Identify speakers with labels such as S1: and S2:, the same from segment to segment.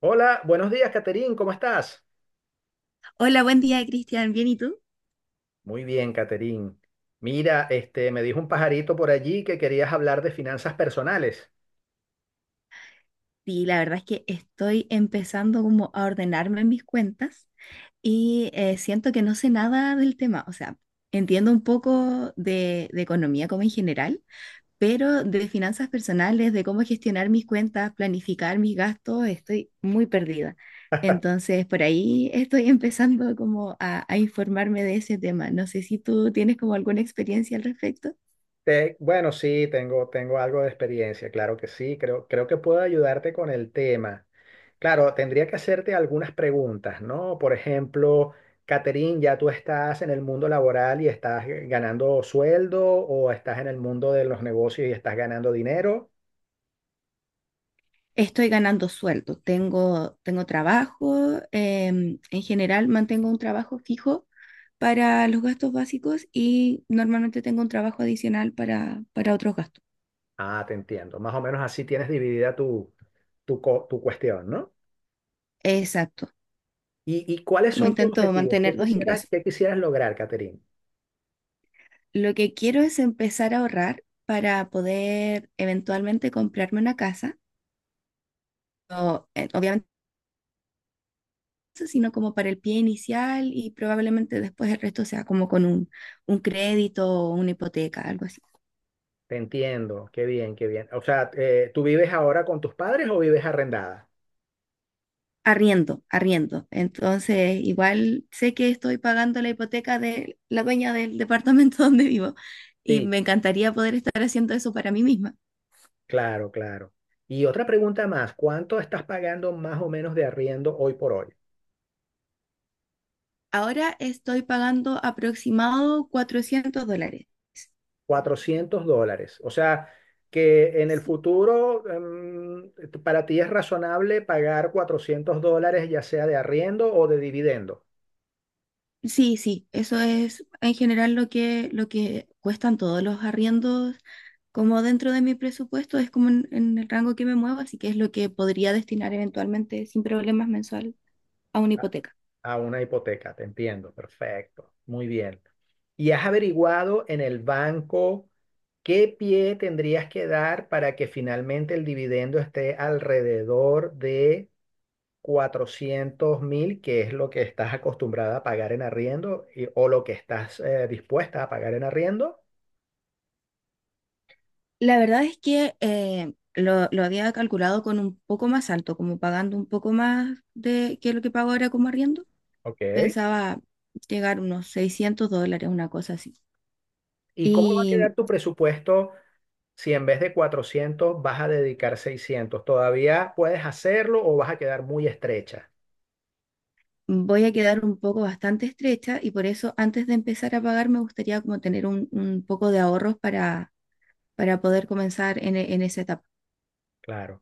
S1: Hola, buenos días, Caterín, ¿cómo estás?
S2: Hola, buen día, Cristian. ¿Bien y tú?
S1: Muy bien, Caterín. Mira, este, me dijo un pajarito por allí que querías hablar de finanzas personales.
S2: Sí, la verdad es que estoy empezando como a ordenarme en mis cuentas y siento que no sé nada del tema. O sea, entiendo un poco de economía como en general, pero de finanzas personales, de cómo gestionar mis cuentas, planificar mis gastos, estoy muy perdida. Entonces, por ahí estoy empezando como a informarme de ese tema. No sé si tú tienes como alguna experiencia al respecto.
S1: Bueno, sí, tengo algo de experiencia, claro que sí, creo que puedo ayudarte con el tema. Claro, tendría que hacerte algunas preguntas, ¿no? Por ejemplo, Caterín, ¿ya tú estás en el mundo laboral y estás ganando sueldo o estás en el mundo de los negocios y estás ganando dinero?
S2: Estoy ganando sueldo, tengo trabajo, en general mantengo un trabajo fijo para los gastos básicos y normalmente tengo un trabajo adicional para otros gastos.
S1: Ah, te entiendo. Más o menos así tienes dividida tu, tu cuestión, ¿no?
S2: Exacto,
S1: ¿Y cuáles
S2: como
S1: son tus
S2: intento
S1: objetivos?
S2: mantener dos ingresos.
S1: Qué quisieras lograr, Catherine?
S2: Lo que quiero es empezar a ahorrar para poder eventualmente comprarme una casa, o, obviamente, eso, sino como para el pie inicial y probablemente después el resto sea como con un crédito o una hipoteca, algo así.
S1: Te entiendo, qué bien, qué bien. O sea, ¿tú vives ahora con tus padres o vives arrendada?
S2: Arriendo, arriendo. Entonces, igual sé que estoy pagando la hipoteca de la dueña del departamento donde vivo y
S1: Sí,
S2: me encantaría poder estar haciendo eso para mí misma.
S1: claro, claro. Y otra pregunta más, ¿cuánto estás pagando más o menos de arriendo hoy por hoy?
S2: Ahora estoy pagando aproximado $400.
S1: 400 dólares. O sea, que en el
S2: Sí,
S1: futuro para ti es razonable pagar $400 ya sea de arriendo o de dividendo.
S2: sí, sí, eso es en general lo que cuestan todos los arriendos, como dentro de mi presupuesto, es como en el rango que me muevo, así que es lo que podría destinar eventualmente sin problemas mensual a una hipoteca.
S1: A una hipoteca, te entiendo, perfecto, muy bien. ¿Y has averiguado en el banco qué pie tendrías que dar para que finalmente el dividendo esté alrededor de 400.000, que es lo que estás acostumbrada a pagar en arriendo o lo que estás dispuesta a pagar en arriendo?
S2: La verdad es que lo había calculado con un poco más alto, como pagando un poco más de que lo que pago ahora como arriendo.
S1: Ok.
S2: Pensaba llegar unos $600, una cosa así.
S1: ¿Y cómo va a
S2: Y
S1: quedar tu presupuesto si en vez de 400 vas a dedicar 600? ¿Todavía puedes hacerlo o vas a quedar muy estrecha?
S2: Voy a quedar un poco bastante estrecha y por eso antes de empezar a pagar me gustaría como tener un poco de ahorros para poder comenzar en, en esa etapa.
S1: Claro.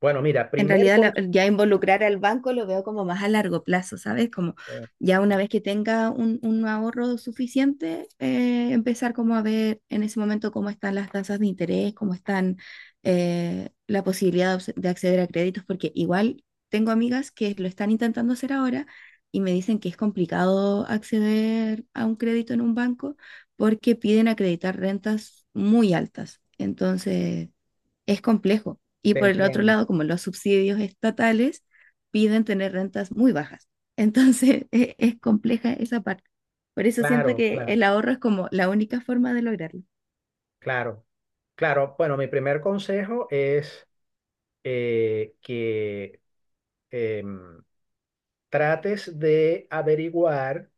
S1: Bueno, mira,
S2: En
S1: primer
S2: realidad la-
S1: consejo,
S2: ya involucrar al banco lo veo como más a largo plazo, ¿sabes? Como ya una vez que tenga un ahorro suficiente, empezar como a ver en ese momento cómo están las tasas de interés, cómo están la posibilidad de de acceder a créditos, porque igual tengo amigas que lo están intentando hacer ahora y me dicen que es complicado acceder a un crédito en un banco porque piden acreditar rentas muy altas. Entonces es complejo. Y
S1: te
S2: por el otro
S1: entiendo.
S2: lado, como los subsidios estatales piden tener rentas muy bajas. Entonces, es, compleja esa parte. Por eso siento
S1: Claro,
S2: que
S1: claro,
S2: el ahorro es como la única forma de lograrlo.
S1: claro. Claro, bueno, mi primer consejo es que em, trates de averiguar,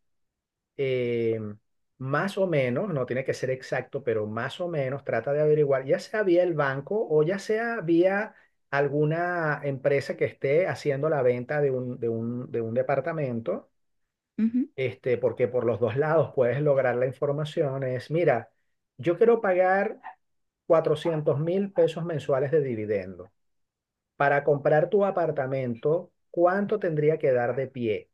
S1: em, más o menos, no tiene que ser exacto, pero más o menos trata de averiguar, ya sea vía el banco o ya sea vía alguna empresa que esté haciendo la venta de un, departamento,
S2: Ujú,
S1: este, porque por los dos lados puedes lograr la información. Es, mira, yo quiero pagar 400.000 pesos mensuales de dividendo. Para comprar tu apartamento, ¿cuánto tendría que dar de pie?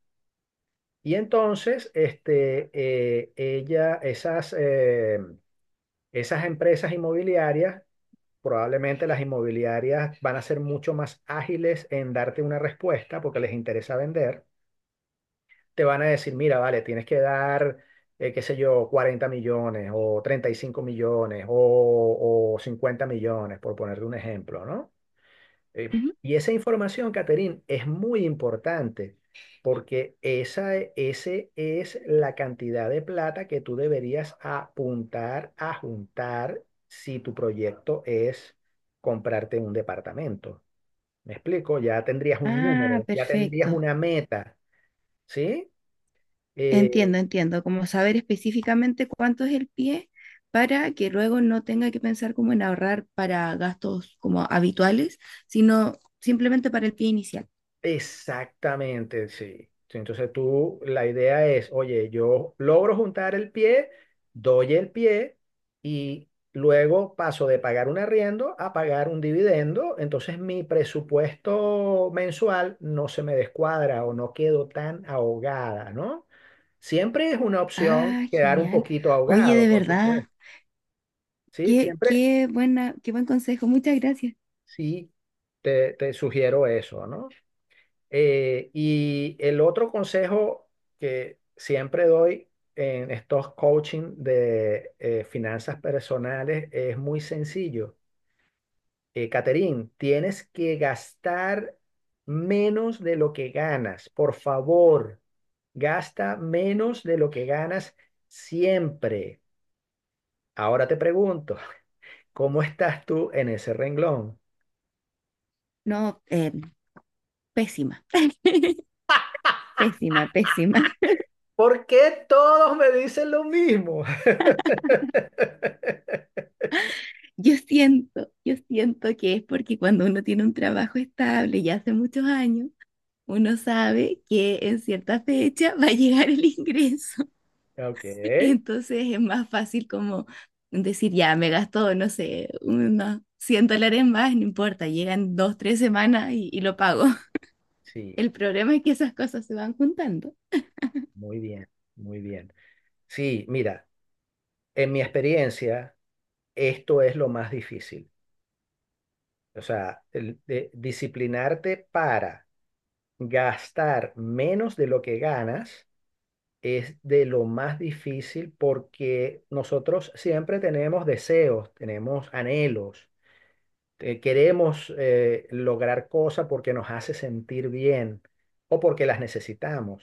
S1: Y entonces, este, esas empresas inmobiliarias, probablemente las inmobiliarias van a ser mucho más ágiles en darte una respuesta porque les interesa vender. Te van a decir, mira, vale, tienes que dar, qué sé yo, 40 millones o 35 millones o 50 millones, por ponerte un ejemplo, ¿no? Eh,
S2: ujú.
S1: y esa información, Caterín, es muy importante porque ese es la cantidad de plata que tú deberías apuntar a juntar si tu proyecto es comprarte un departamento. ¿Me explico? Ya tendrías un
S2: Ah,
S1: número, ya tendrías
S2: perfecto.
S1: una meta, ¿sí? Eh,
S2: Entiendo, entiendo. Como saber específicamente cuánto es el pie para que luego no tenga que pensar como en ahorrar para gastos como habituales, sino simplemente para el pie inicial.
S1: Exactamente, sí. Sí, entonces tú, la idea es, oye, yo logro juntar el pie, doy el pie y luego paso de pagar un arriendo a pagar un dividendo, entonces mi presupuesto mensual no se me descuadra o no quedo tan ahogada, ¿no? Siempre es una opción
S2: Ah,
S1: quedar un
S2: genial.
S1: poquito
S2: Oye, de
S1: ahogado, por
S2: verdad.
S1: supuesto. Sí,
S2: Qué,
S1: siempre
S2: qué buena, qué buen consejo. Muchas gracias.
S1: sí te sugiero eso, ¿no? Y el otro consejo que siempre doy en estos coaching de finanzas personales es muy sencillo. Caterín, tienes que gastar menos de lo que ganas. Por favor, gasta menos de lo que ganas siempre. Ahora te pregunto, ¿cómo estás tú en ese renglón?
S2: No, pésima. Pésima, pésima.
S1: ¿Por qué todos me dicen lo mismo?
S2: Yo siento que es porque cuando uno tiene un trabajo estable y hace muchos años, uno sabe que en cierta fecha va a llegar el ingreso.
S1: Ok.
S2: Entonces es más fácil como decir, ya, me gastó, no sé, unos $100 más, no importa, llegan dos, tres semanas y lo pago.
S1: Sí,
S2: El problema es que esas cosas se van juntando.
S1: muy bien, muy bien. Sí, mira, en mi experiencia, esto es lo más difícil. O sea, disciplinarte para gastar menos de lo que ganas es de lo más difícil porque nosotros siempre tenemos deseos, tenemos anhelos, queremos lograr cosas porque nos hace sentir bien o porque las necesitamos.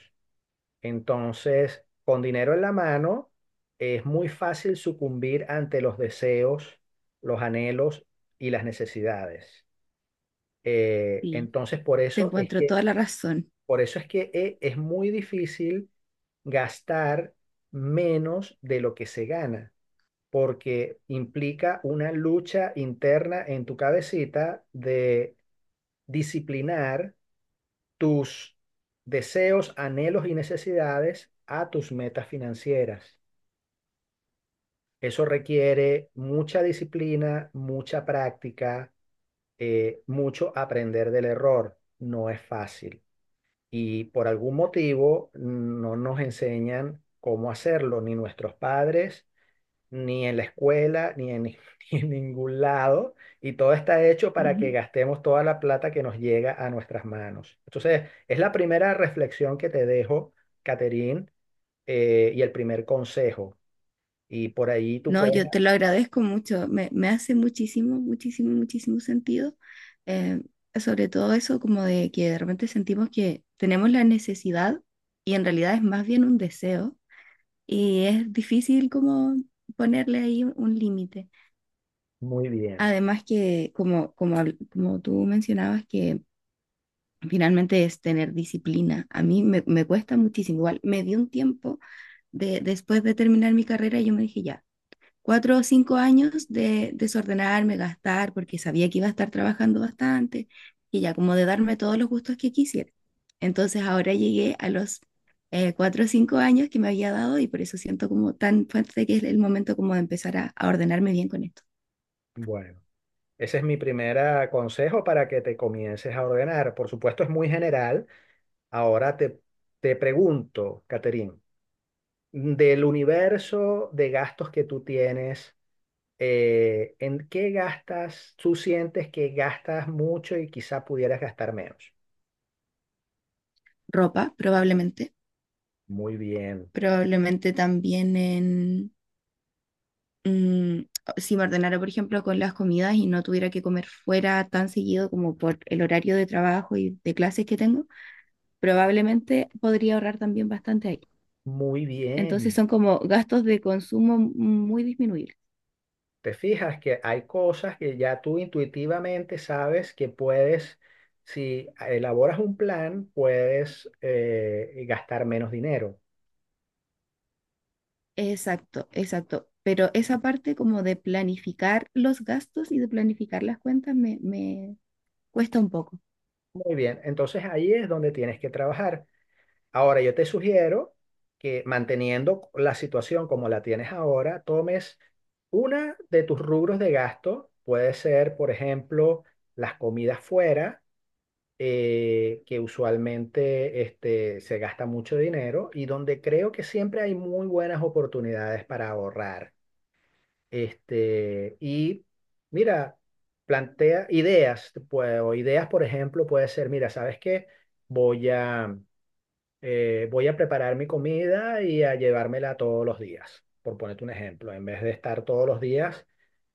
S1: Entonces, con dinero en la mano, es muy fácil sucumbir ante los deseos, los anhelos y las necesidades.
S2: Sí,
S1: Entonces,
S2: te encuentro toda la razón.
S1: por eso es que es muy difícil gastar menos de lo que se gana, porque implica una lucha interna en tu cabecita de disciplinar tus deseos, anhelos y necesidades a tus metas financieras. Eso requiere mucha disciplina, mucha práctica, mucho aprender del error. No es fácil. Y por algún motivo no nos enseñan cómo hacerlo, ni nuestros padres, ni en la escuela, ni en, ni en ningún lado. Y todo está hecho para que
S2: Ujú.
S1: gastemos toda la plata que nos llega a nuestras manos. Entonces, es la primera reflexión que te dejo, Caterín, y el primer consejo. Y por ahí tú
S2: No,
S1: puedes...
S2: yo te lo agradezco mucho, me hace muchísimo, muchísimo, muchísimo sentido, eh, sobre todo eso como de que de repente sentimos que tenemos la necesidad y en realidad es más bien un deseo y es difícil como ponerle ahí un, límite.
S1: Muy bien.
S2: Además que como tú mencionabas que finalmente es tener disciplina, a mí me cuesta muchísimo, igual me di un tiempo de, después de terminar mi carrera y yo me dije ya. Cuatro o cinco años de desordenarme, gastar, porque sabía que iba a estar trabajando bastante y ya como de darme todos los gustos que quisiera. Entonces ahora llegué a los cuatro o cinco años que me había dado y por eso siento como tan fuerte que es el momento como de empezar a ordenarme bien con esto.
S1: Bueno, ese es mi primer consejo para que te comiences a ordenar. Por supuesto, es muy general. Ahora te pregunto, Caterín, del universo de gastos que tú tienes, ¿en qué gastas? ¿Tú sientes que gastas mucho y quizá pudieras gastar menos?
S2: Ropa, probablemente.
S1: Muy bien,
S2: Probablemente también en... mm, si me ordenara, por ejemplo, con las comidas y no tuviera que comer fuera tan seguido como por el horario de trabajo y de clases que tengo, probablemente podría ahorrar también bastante ahí.
S1: muy
S2: Entonces
S1: bien.
S2: son como gastos de consumo muy disminuibles.
S1: Te fijas que hay cosas que ya tú intuitivamente sabes que puedes, si elaboras un plan, puedes gastar menos dinero.
S2: Exacto, exacto. Pero esa parte como de planificar los gastos y de planificar las cuentas me cuesta un poco.
S1: Muy bien, entonces ahí es donde tienes que trabajar. Ahora yo te sugiero que manteniendo la situación como la tienes ahora, tomes una de tus rubros de gasto. Puede ser, por ejemplo, las comidas fuera que usualmente, este, se gasta mucho dinero y donde creo que siempre hay muy buenas oportunidades para ahorrar. Este, y mira, plantea ideas, pues, o ideas, por ejemplo, puede ser, mira, ¿sabes qué? Voy a, Voy a preparar mi comida y a llevármela todos los días, por ponerte un ejemplo, en vez de estar todos los días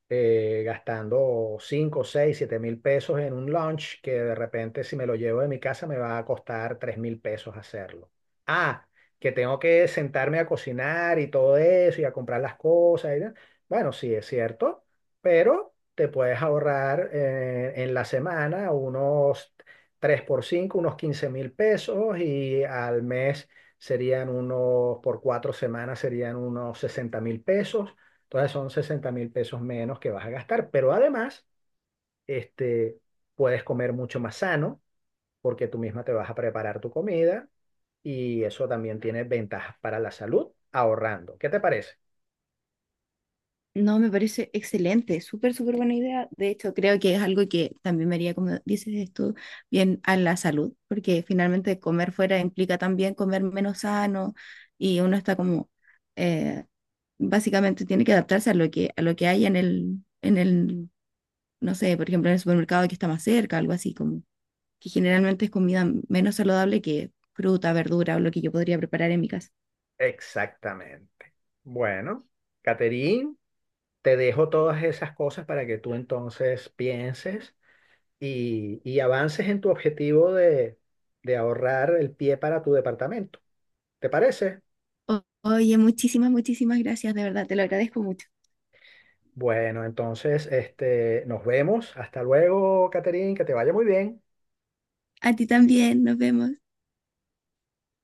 S1: gastando 5, 6, 7 mil pesos en un lunch que de repente si me lo llevo de mi casa me va a costar 3.000 pesos hacerlo. Ah, que tengo que sentarme a cocinar y todo eso y a comprar las cosas, y tal. Bueno, sí es cierto, pero te puedes ahorrar en la semana unos 3 por 5, unos 15.000 pesos y al mes serían unos, por 4 semanas serían unos 60.000 pesos. Entonces son 60.000 pesos menos que vas a gastar, pero además, este, puedes comer mucho más sano porque tú misma te vas a preparar tu comida y eso también tiene ventajas para la salud ahorrando. ¿Qué te parece?
S2: No, me parece excelente, súper, súper buena idea. De hecho, creo que es algo que también me haría, como dices tú, bien a la salud, porque finalmente comer fuera implica también comer menos sano y uno está como eh, básicamente tiene que adaptarse a lo que hay en el, no sé, por ejemplo, en el supermercado que está más cerca, algo así, como que generalmente es comida menos saludable que fruta, verdura o lo que yo podría preparar en mi casa.
S1: Exactamente. Bueno, Caterín, te dejo todas esas cosas para que tú entonces pienses y avances en tu objetivo de ahorrar el pie para tu departamento. ¿Te parece?
S2: Oye, muchísimas, muchísimas gracias, de verdad, te lo agradezco mucho.
S1: Bueno, entonces, nos vemos. Hasta luego, Caterín, que te vaya muy bien.
S2: A ti también, nos vemos.